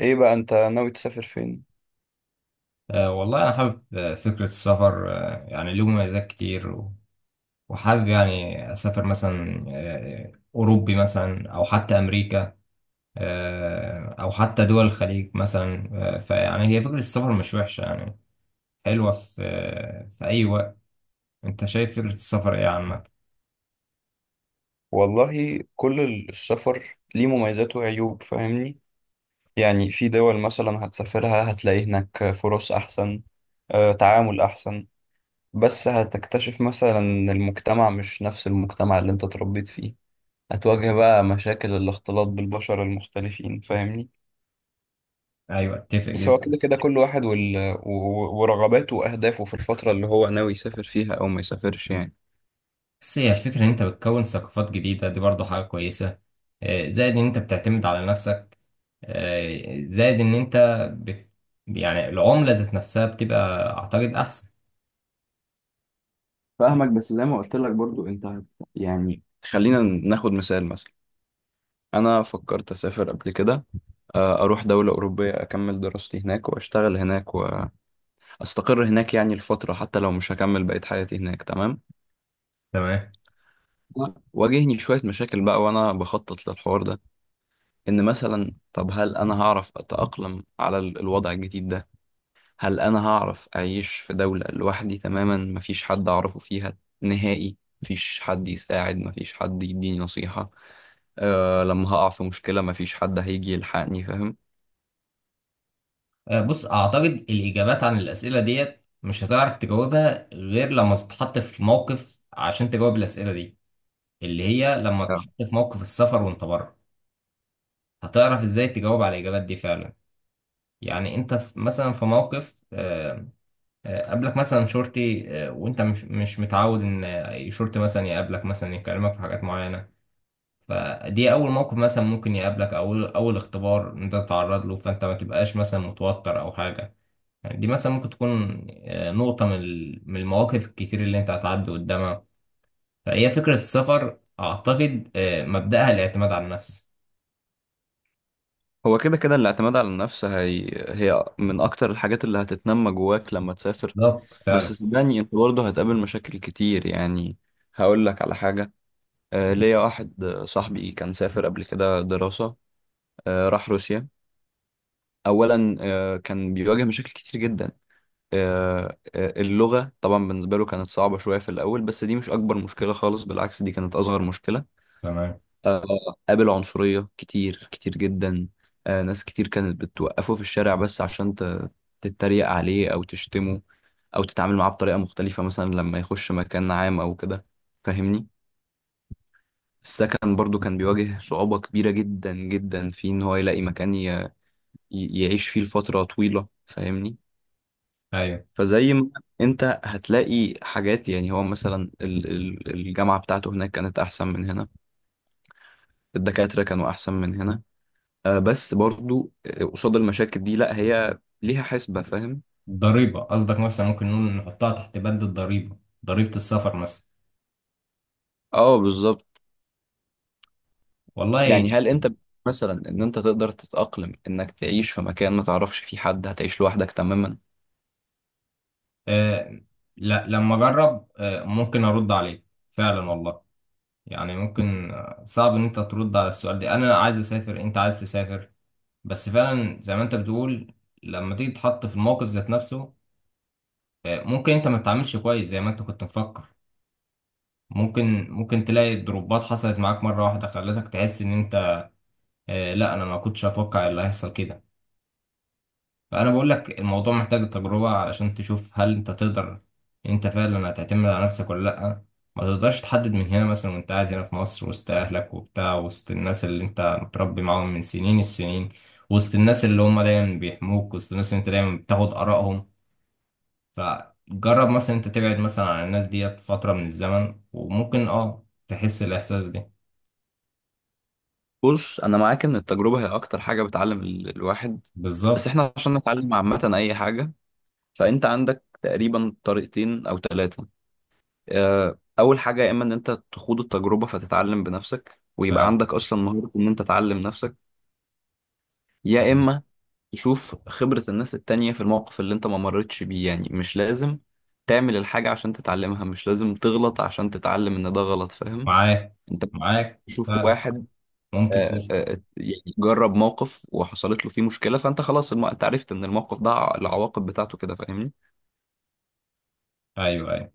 ايه بقى انت ناوي تسافر فين؟ والله أنا حابب فكرة السفر، يعني له مميزات كتير وحابب يعني أسافر مثلا أوروبي مثلا أو حتى أمريكا، أو حتى دول الخليج مثلا. فيعني هي فكرة السفر مش وحشة، يعني حلوة في في أي وقت. أنت شايف فكرة السفر إيه عامة؟ والله كل السفر ليه مميزات وعيوب، فاهمني. يعني في دول مثلا هتسافرها هتلاقي هناك فرص احسن، تعامل احسن. بس هتكتشف مثلا ان المجتمع مش نفس المجتمع اللي انت اتربيت فيه. هتواجه بقى مشاكل الاختلاط بالبشر المختلفين، فاهمني. أيوة، أتفق بس هو جدا. كده كده كل واحد ورغباته واهدافه في الفترة اللي هو ناوي يسافر فيها او ما يسافرش، يعني. بس هي الفكرة إن أنت بتكون ثقافات جديدة، دي برضو حاجة كويسة. زائد إن أنت بتعتمد على نفسك، زائد إن أنت بت... يعني العملة ذات نفسها بتبقى أعتقد أحسن. فاهمك، بس زي ما قلت لك برضو انت يعني، خلينا ناخد مثال مثلا. انا فكرت اسافر قبل كده، اروح دولة اوروبية اكمل دراستي هناك واشتغل هناك واستقر هناك يعني لفترة، حتى لو مش هكمل بقية حياتي هناك، تمام. تمام. واجهني شوية مشاكل بقى وانا بخطط للحوار ده، ان مثلا طب هل انا هعرف اتأقلم على الوضع الجديد ده؟ هل انا هعرف اعيش في دولة لوحدي تماما مفيش حد اعرفه فيها نهائي؟ مفيش حد يساعد، مفيش حد يديني نصيحة. لما هقع في مشكلة مفيش حد هيجي يلحقني، فاهم. بص، أعتقد الإجابات عن الأسئلة ديت مش هتعرف تجاوبها غير لما تتحط في موقف عشان تجاوب الأسئلة دي، اللي هي لما آه. تتحط في موقف السفر وأنت بره هتعرف إزاي تجاوب على الإجابات دي فعلا. يعني أنت في مثلا في موقف، قابلك مثلا شرطي، وانت مش متعود ان شرطي مثلا يقابلك، مثلا يكلمك في حاجات معينه. فدي اول موقف مثلا ممكن يقابلك، او اول اختبار انت تتعرض له، فانت ما تبقاش مثلا متوتر او حاجه. يعني دي مثلا ممكن تكون نقطه من من المواقف الكتير اللي انت هتعدي قدامها. فهي فكره السفر اعتقد مبداها الاعتماد على النفس. هو كده كده الاعتماد على النفس هي، هي من أكتر الحاجات اللي هتتنمى جواك لما تسافر. بالظبط بس فعلا. صدقني أنت برضه هتقابل مشاكل كتير، يعني هقول لك على حاجة. ليا واحد صاحبي كان سافر قبل كده دراسة. راح روسيا. أولا كان بيواجه مشاكل كتير جدا. أه آه، اللغة طبعا بالنسبة له كانت صعبة شوية في الأول، بس دي مش أكبر مشكلة خالص، بالعكس دي كانت أصغر مشكلة. تمام. آه، قابل عنصرية كتير كتير جدا. ناس كتير كانت بتوقفه في الشارع بس عشان تتريق عليه أو تشتمه أو تتعامل معاه بطريقة مختلفة مثلا لما يخش مكان عام أو كده، فاهمني. السكن برضو كان بيواجه صعوبة كبيرة جدا جدا في إن هو يلاقي مكان يعيش فيه لفترة طويلة، فاهمني. ايوه. فزي ما، أنت هتلاقي حاجات، يعني هو مثلا الجامعة بتاعته هناك كانت أحسن من هنا، الدكاترة كانوا أحسن من هنا. بس برضو قصاد المشاكل دي لا هي ليها حسبة، فاهم. الضريبه قصدك، مثلا ممكن نقول نحطها تحت بند الضريبه. ضريبه السفر مثلا. اه، بالظبط. والله. يعني هل انت مثلا ان انت تقدر تتأقلم انك تعيش في مكان ما تعرفش فيه حد، هتعيش لوحدك تماما؟ آه، لا، لما اجرب ممكن ارد عليك. فعلا والله. يعني ممكن صعب ان انت ترد على السؤال ده. انا عايز اسافر، انت عايز تسافر. بس فعلا زي ما انت بتقول، لما تيجي تتحط في الموقف ذات نفسه ممكن انت ما تتعاملش كويس زي ما انت كنت مفكر. ممكن تلاقي ضربات حصلت معاك مرة واحدة خلتك تحس ان انت: آه، لا، انا ما كنتش اتوقع اللي هيحصل كده. فأنا بقول لك الموضوع محتاج تجربة عشان تشوف هل أنت تقدر إن أنت فعلا هتعتمد على نفسك ولا لأ. ما تقدرش تحدد من هنا مثلا وأنت قاعد هنا في مصر وسط أهلك وبتاع، وسط الناس اللي أنت متربي معاهم من سنين السنين، وسط الناس اللي هم دايما بيحموك، وسط الناس اللي أنت دايما بتاخد آرائهم. فجرب مثلا أنت تبعد مثلا عن الناس ديت فترة من الزمن وممكن تحس الإحساس ده. بص انا معاك ان التجربة هي اكتر حاجة بتعلم الواحد. بس بالظبط. احنا عشان نتعلم عامة اي حاجة، فانت عندك تقريبا طريقتين او ثلاثة. اول حاجة يا اما ان انت تخوض التجربة فتتعلم بنفسك ويبقى ف- عندك اصلا مهارة ان انت تعلم نفسك، يا اما يشوف خبرة الناس التانية في الموقف اللي انت ما مرتش بيه. يعني مش لازم تعمل الحاجة عشان تتعلمها، مش لازم تغلط عشان تتعلم ان ده غلط، فاهم. معاك. انت معاك ف- تشوف واحد، ممكن تسأل. يعني جرب موقف وحصلت له فيه مشكلة، فانت خلاص انت عرفت ان الموقف ده العواقب بتاعته كده، فاهمني. أيوه، أيوه.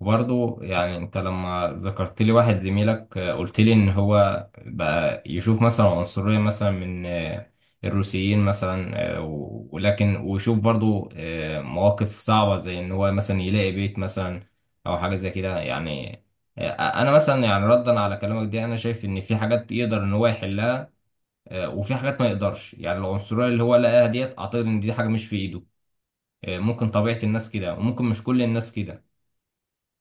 وبرضه يعني انت لما ذكرت لي واحد زميلك، قلت لي ان هو بقى يشوف مثلا عنصرية مثلا من الروسيين مثلا، ولكن ويشوف برضه مواقف صعبة زي ان هو مثلا يلاقي بيت مثلا او حاجة زي كده يعني. انا مثلا يعني ردا على كلامك دي، انا شايف ان في حاجات يقدر ان هو يحلها، وفي حاجات ما يقدرش. يعني العنصرية اللي هو لقاها ديت اعتقد ان دي حاجة مش في ايده. ممكن طبيعة الناس كده، وممكن مش كل الناس كده،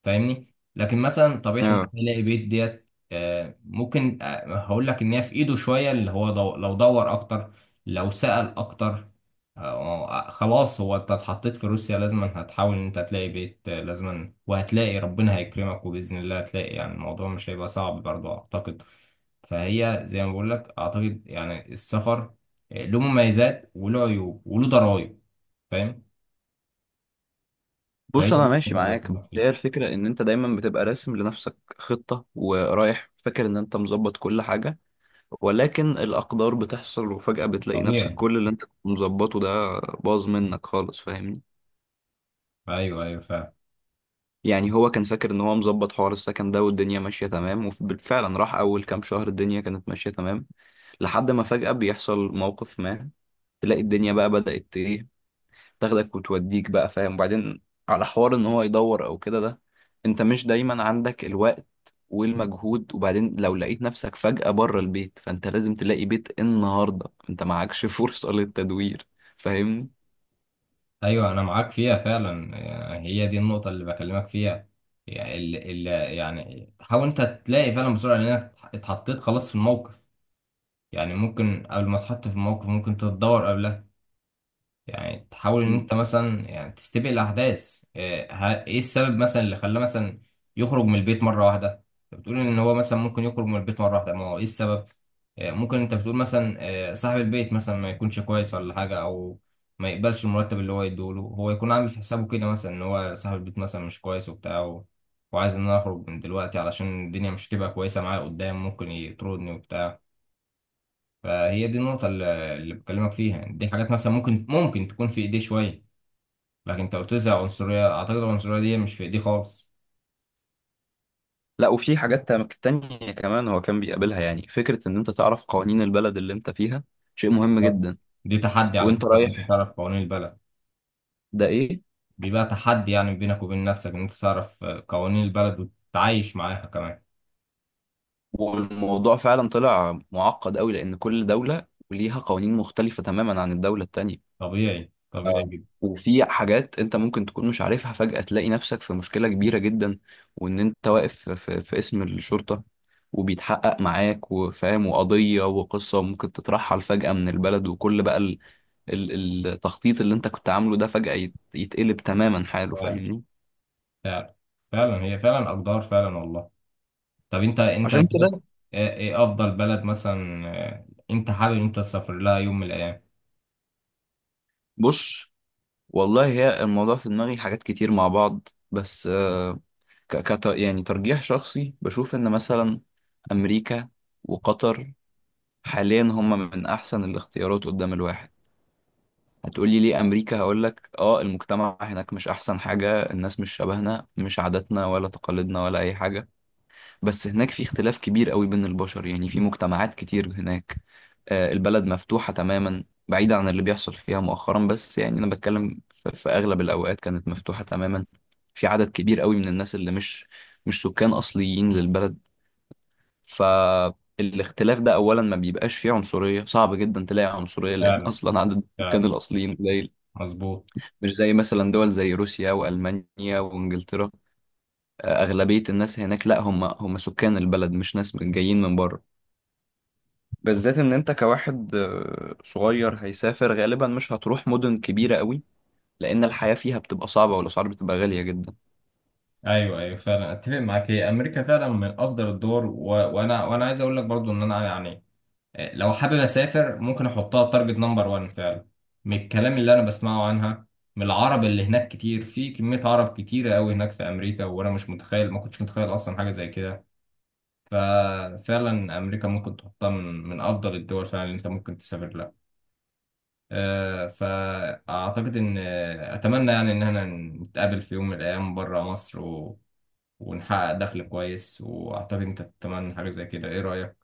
فاهمني. لكن مثلا طبيعه ان هو اه، يلاقي بيت ديت ممكن، هقول لك ان هي في ايده شويه. اللي هو لو دور اكتر، لو سأل اكتر. خلاص، هو انت اتحطيت في روسيا لازما هتحاول ان انت تلاقي بيت، لازما، وهتلاقي، ربنا هيكرمك وباذن الله هتلاقي. يعني الموضوع مش هيبقى صعب برضه اعتقد. فهي زي ما بقول لك اعتقد يعني السفر له مميزات وله عيوب وله ضرائب، فاهم. فهي بص دي انا النقطة ماشي اللي معاك، بس بكلمك فيها. هي الفكرة ان انت دايما بتبقى راسم لنفسك خطة ورايح فاكر ان انت مظبط كل حاجة. ولكن الأقدار بتحصل وفجأة بتلاقي نفسك طبيعي. كل اللي انت كنت مظبطه ده باظ منك خالص، فاهمني. ايوه، ايوه، فاهم. يعني هو كان فاكر ان هو مظبط حوار السكن ده والدنيا ماشية تمام، وفعلا راح أول كام شهر الدنيا كانت ماشية تمام، لحد ما فجأة بيحصل موقف ما، تلاقي الدنيا بقى بدأت ايه، تاخدك وتوديك بقى، فاهم. وبعدين على حوار ان هو يدور او كده ده، انت مش دايما عندك الوقت والمجهود. وبعدين لو لقيت نفسك فجأة بره البيت فانت لازم تلاقي بيت النهاردة، انت معكش فرصة للتدوير، فاهمني. ايوه انا معاك فيها فعلا. يعني هي دي النقطه اللي بكلمك فيها. يعني يعني حاول انت تلاقي فعلا بسرعه لانك اتحطيت خلاص في الموقف. يعني ممكن قبل ما تتحط في الموقف ممكن تتدور قبلها. يعني تحاول ان مم. انت مثلا يعني تستبق الاحداث. إيه السبب مثلا اللي خلاه مثلا يخرج من البيت مره واحده. انت بتقول ان هو مثلا ممكن يخرج من البيت مره واحده، ما هو ايه السبب؟ إيه ممكن انت بتقول مثلا، إيه صاحب البيت مثلا ما يكونش كويس ولا حاجه، او ما يقبلش المرتب اللي هو يديهوله. هو يكون عامل في حسابه كده مثلا ان هو صاحب البيت مثلا مش كويس وبتاع وعايز ان انا اخرج من دلوقتي علشان الدنيا مش هتبقى كويسه معايا قدام، ممكن يطردني وبتاع. فهي دي النقطه اللي بكلمك فيها. دي حاجات مثلا ممكن تكون في ايديه شويه. لكن انت قلت لي عنصرية، اعتقد العنصرية دي مش في ايدي خالص. لا، وفي حاجات تانية كمان هو كان بيقابلها، يعني فكرة ان انت تعرف قوانين البلد اللي انت فيها شيء مهم بالظبط. جدا. دي تحدي على وانت فكرة، ان انت رايح تعرف قوانين البلد. ده ايه؟ بيبقى تحدي يعني بينك وبين نفسك ان انت تعرف قوانين البلد وتتعايش معاها كمان. والموضوع فعلا طلع معقد قوي لان كل دولة وليها قوانين مختلفة تماما عن الدولة التانية. طبيعي، طبيعي جدا. وفي حاجات انت ممكن تكون مش عارفها، فجأة تلاقي نفسك في مشكلة كبيرة جدا، وان انت واقف في اسم الشرطة وبيتحقق معاك، وفاهم وقضية وقصة وممكن تترحل فجأة من البلد، وكل بقى التخطيط اللي انت كنت عامله ده فجأة يتقلب تماما حاله، فعلا، فاهمني. فعلا، فعلا، هي فعلا اقدار، فعلا والله. طب انت، عشان شايف كده، ايه افضل بلد مثلا، انت حابب ان انت تسافر لها يوم من الايام؟ بص، والله هي الموضوع في دماغي حاجات كتير مع بعض، بس يعني ترجيح شخصي بشوف ان مثلا امريكا وقطر حاليا هم من احسن الاختيارات قدام الواحد. هتقولي ليه امريكا؟ هقولك اه، المجتمع هناك مش احسن حاجة، الناس مش شبهنا مش عاداتنا ولا تقاليدنا ولا اي حاجة، بس هناك في اختلاف كبير قوي بين البشر. يعني في مجتمعات كتير هناك، البلد مفتوحة تماما بعيدة عن اللي بيحصل فيها مؤخرا، بس يعني انا بتكلم في اغلب الاوقات كانت مفتوحة تماما. في عدد كبير قوي من الناس اللي مش سكان اصليين للبلد. فالاختلاف ده اولا ما بيبقاش فيه عنصريه، صعب جدا تلاقي عنصريه لان فعلا، اصلا عدد السكان فعلا الاصليين قليل. مظبوط. مش زي مثلا دول زي روسيا والمانيا وانجلترا، اغلبيه الناس هناك لا هم هم سكان البلد مش ناس جايين من بره. بالذات ان انت كواحد صغير هيسافر غالبا مش هتروح مدن كبيره قوي لان الحياه فيها بتبقى صعبه والاسعار بتبقى غاليه جدا. ايوه، ايوه، فعلا اتفق معاك. هي امريكا فعلا من افضل الدول. و... وانا وانا عايز اقول لك برضو ان انا يعني لو حابب اسافر ممكن احطها تارجت نمبر 1 فعلا، من الكلام اللي انا بسمعه عنها، من العرب اللي هناك. كتير، في كمية عرب كتيرة قوي هناك في امريكا، وانا مش متخيل، ما كنتش متخيل اصلا حاجة زي كده. ففعلا امريكا ممكن تحطها من افضل الدول فعلا اللي انت ممكن تسافر لها. فاعتقد ان اتمنى يعني ان احنا نتقابل في يوم من الايام بره مصر، ونحقق دخل كويس. واعتقد انت تتمنى حاجة زي كده، ايه رأيك؟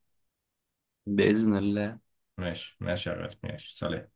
باذن الله ماشي، ماشي يا غالي، ماشي، سلام.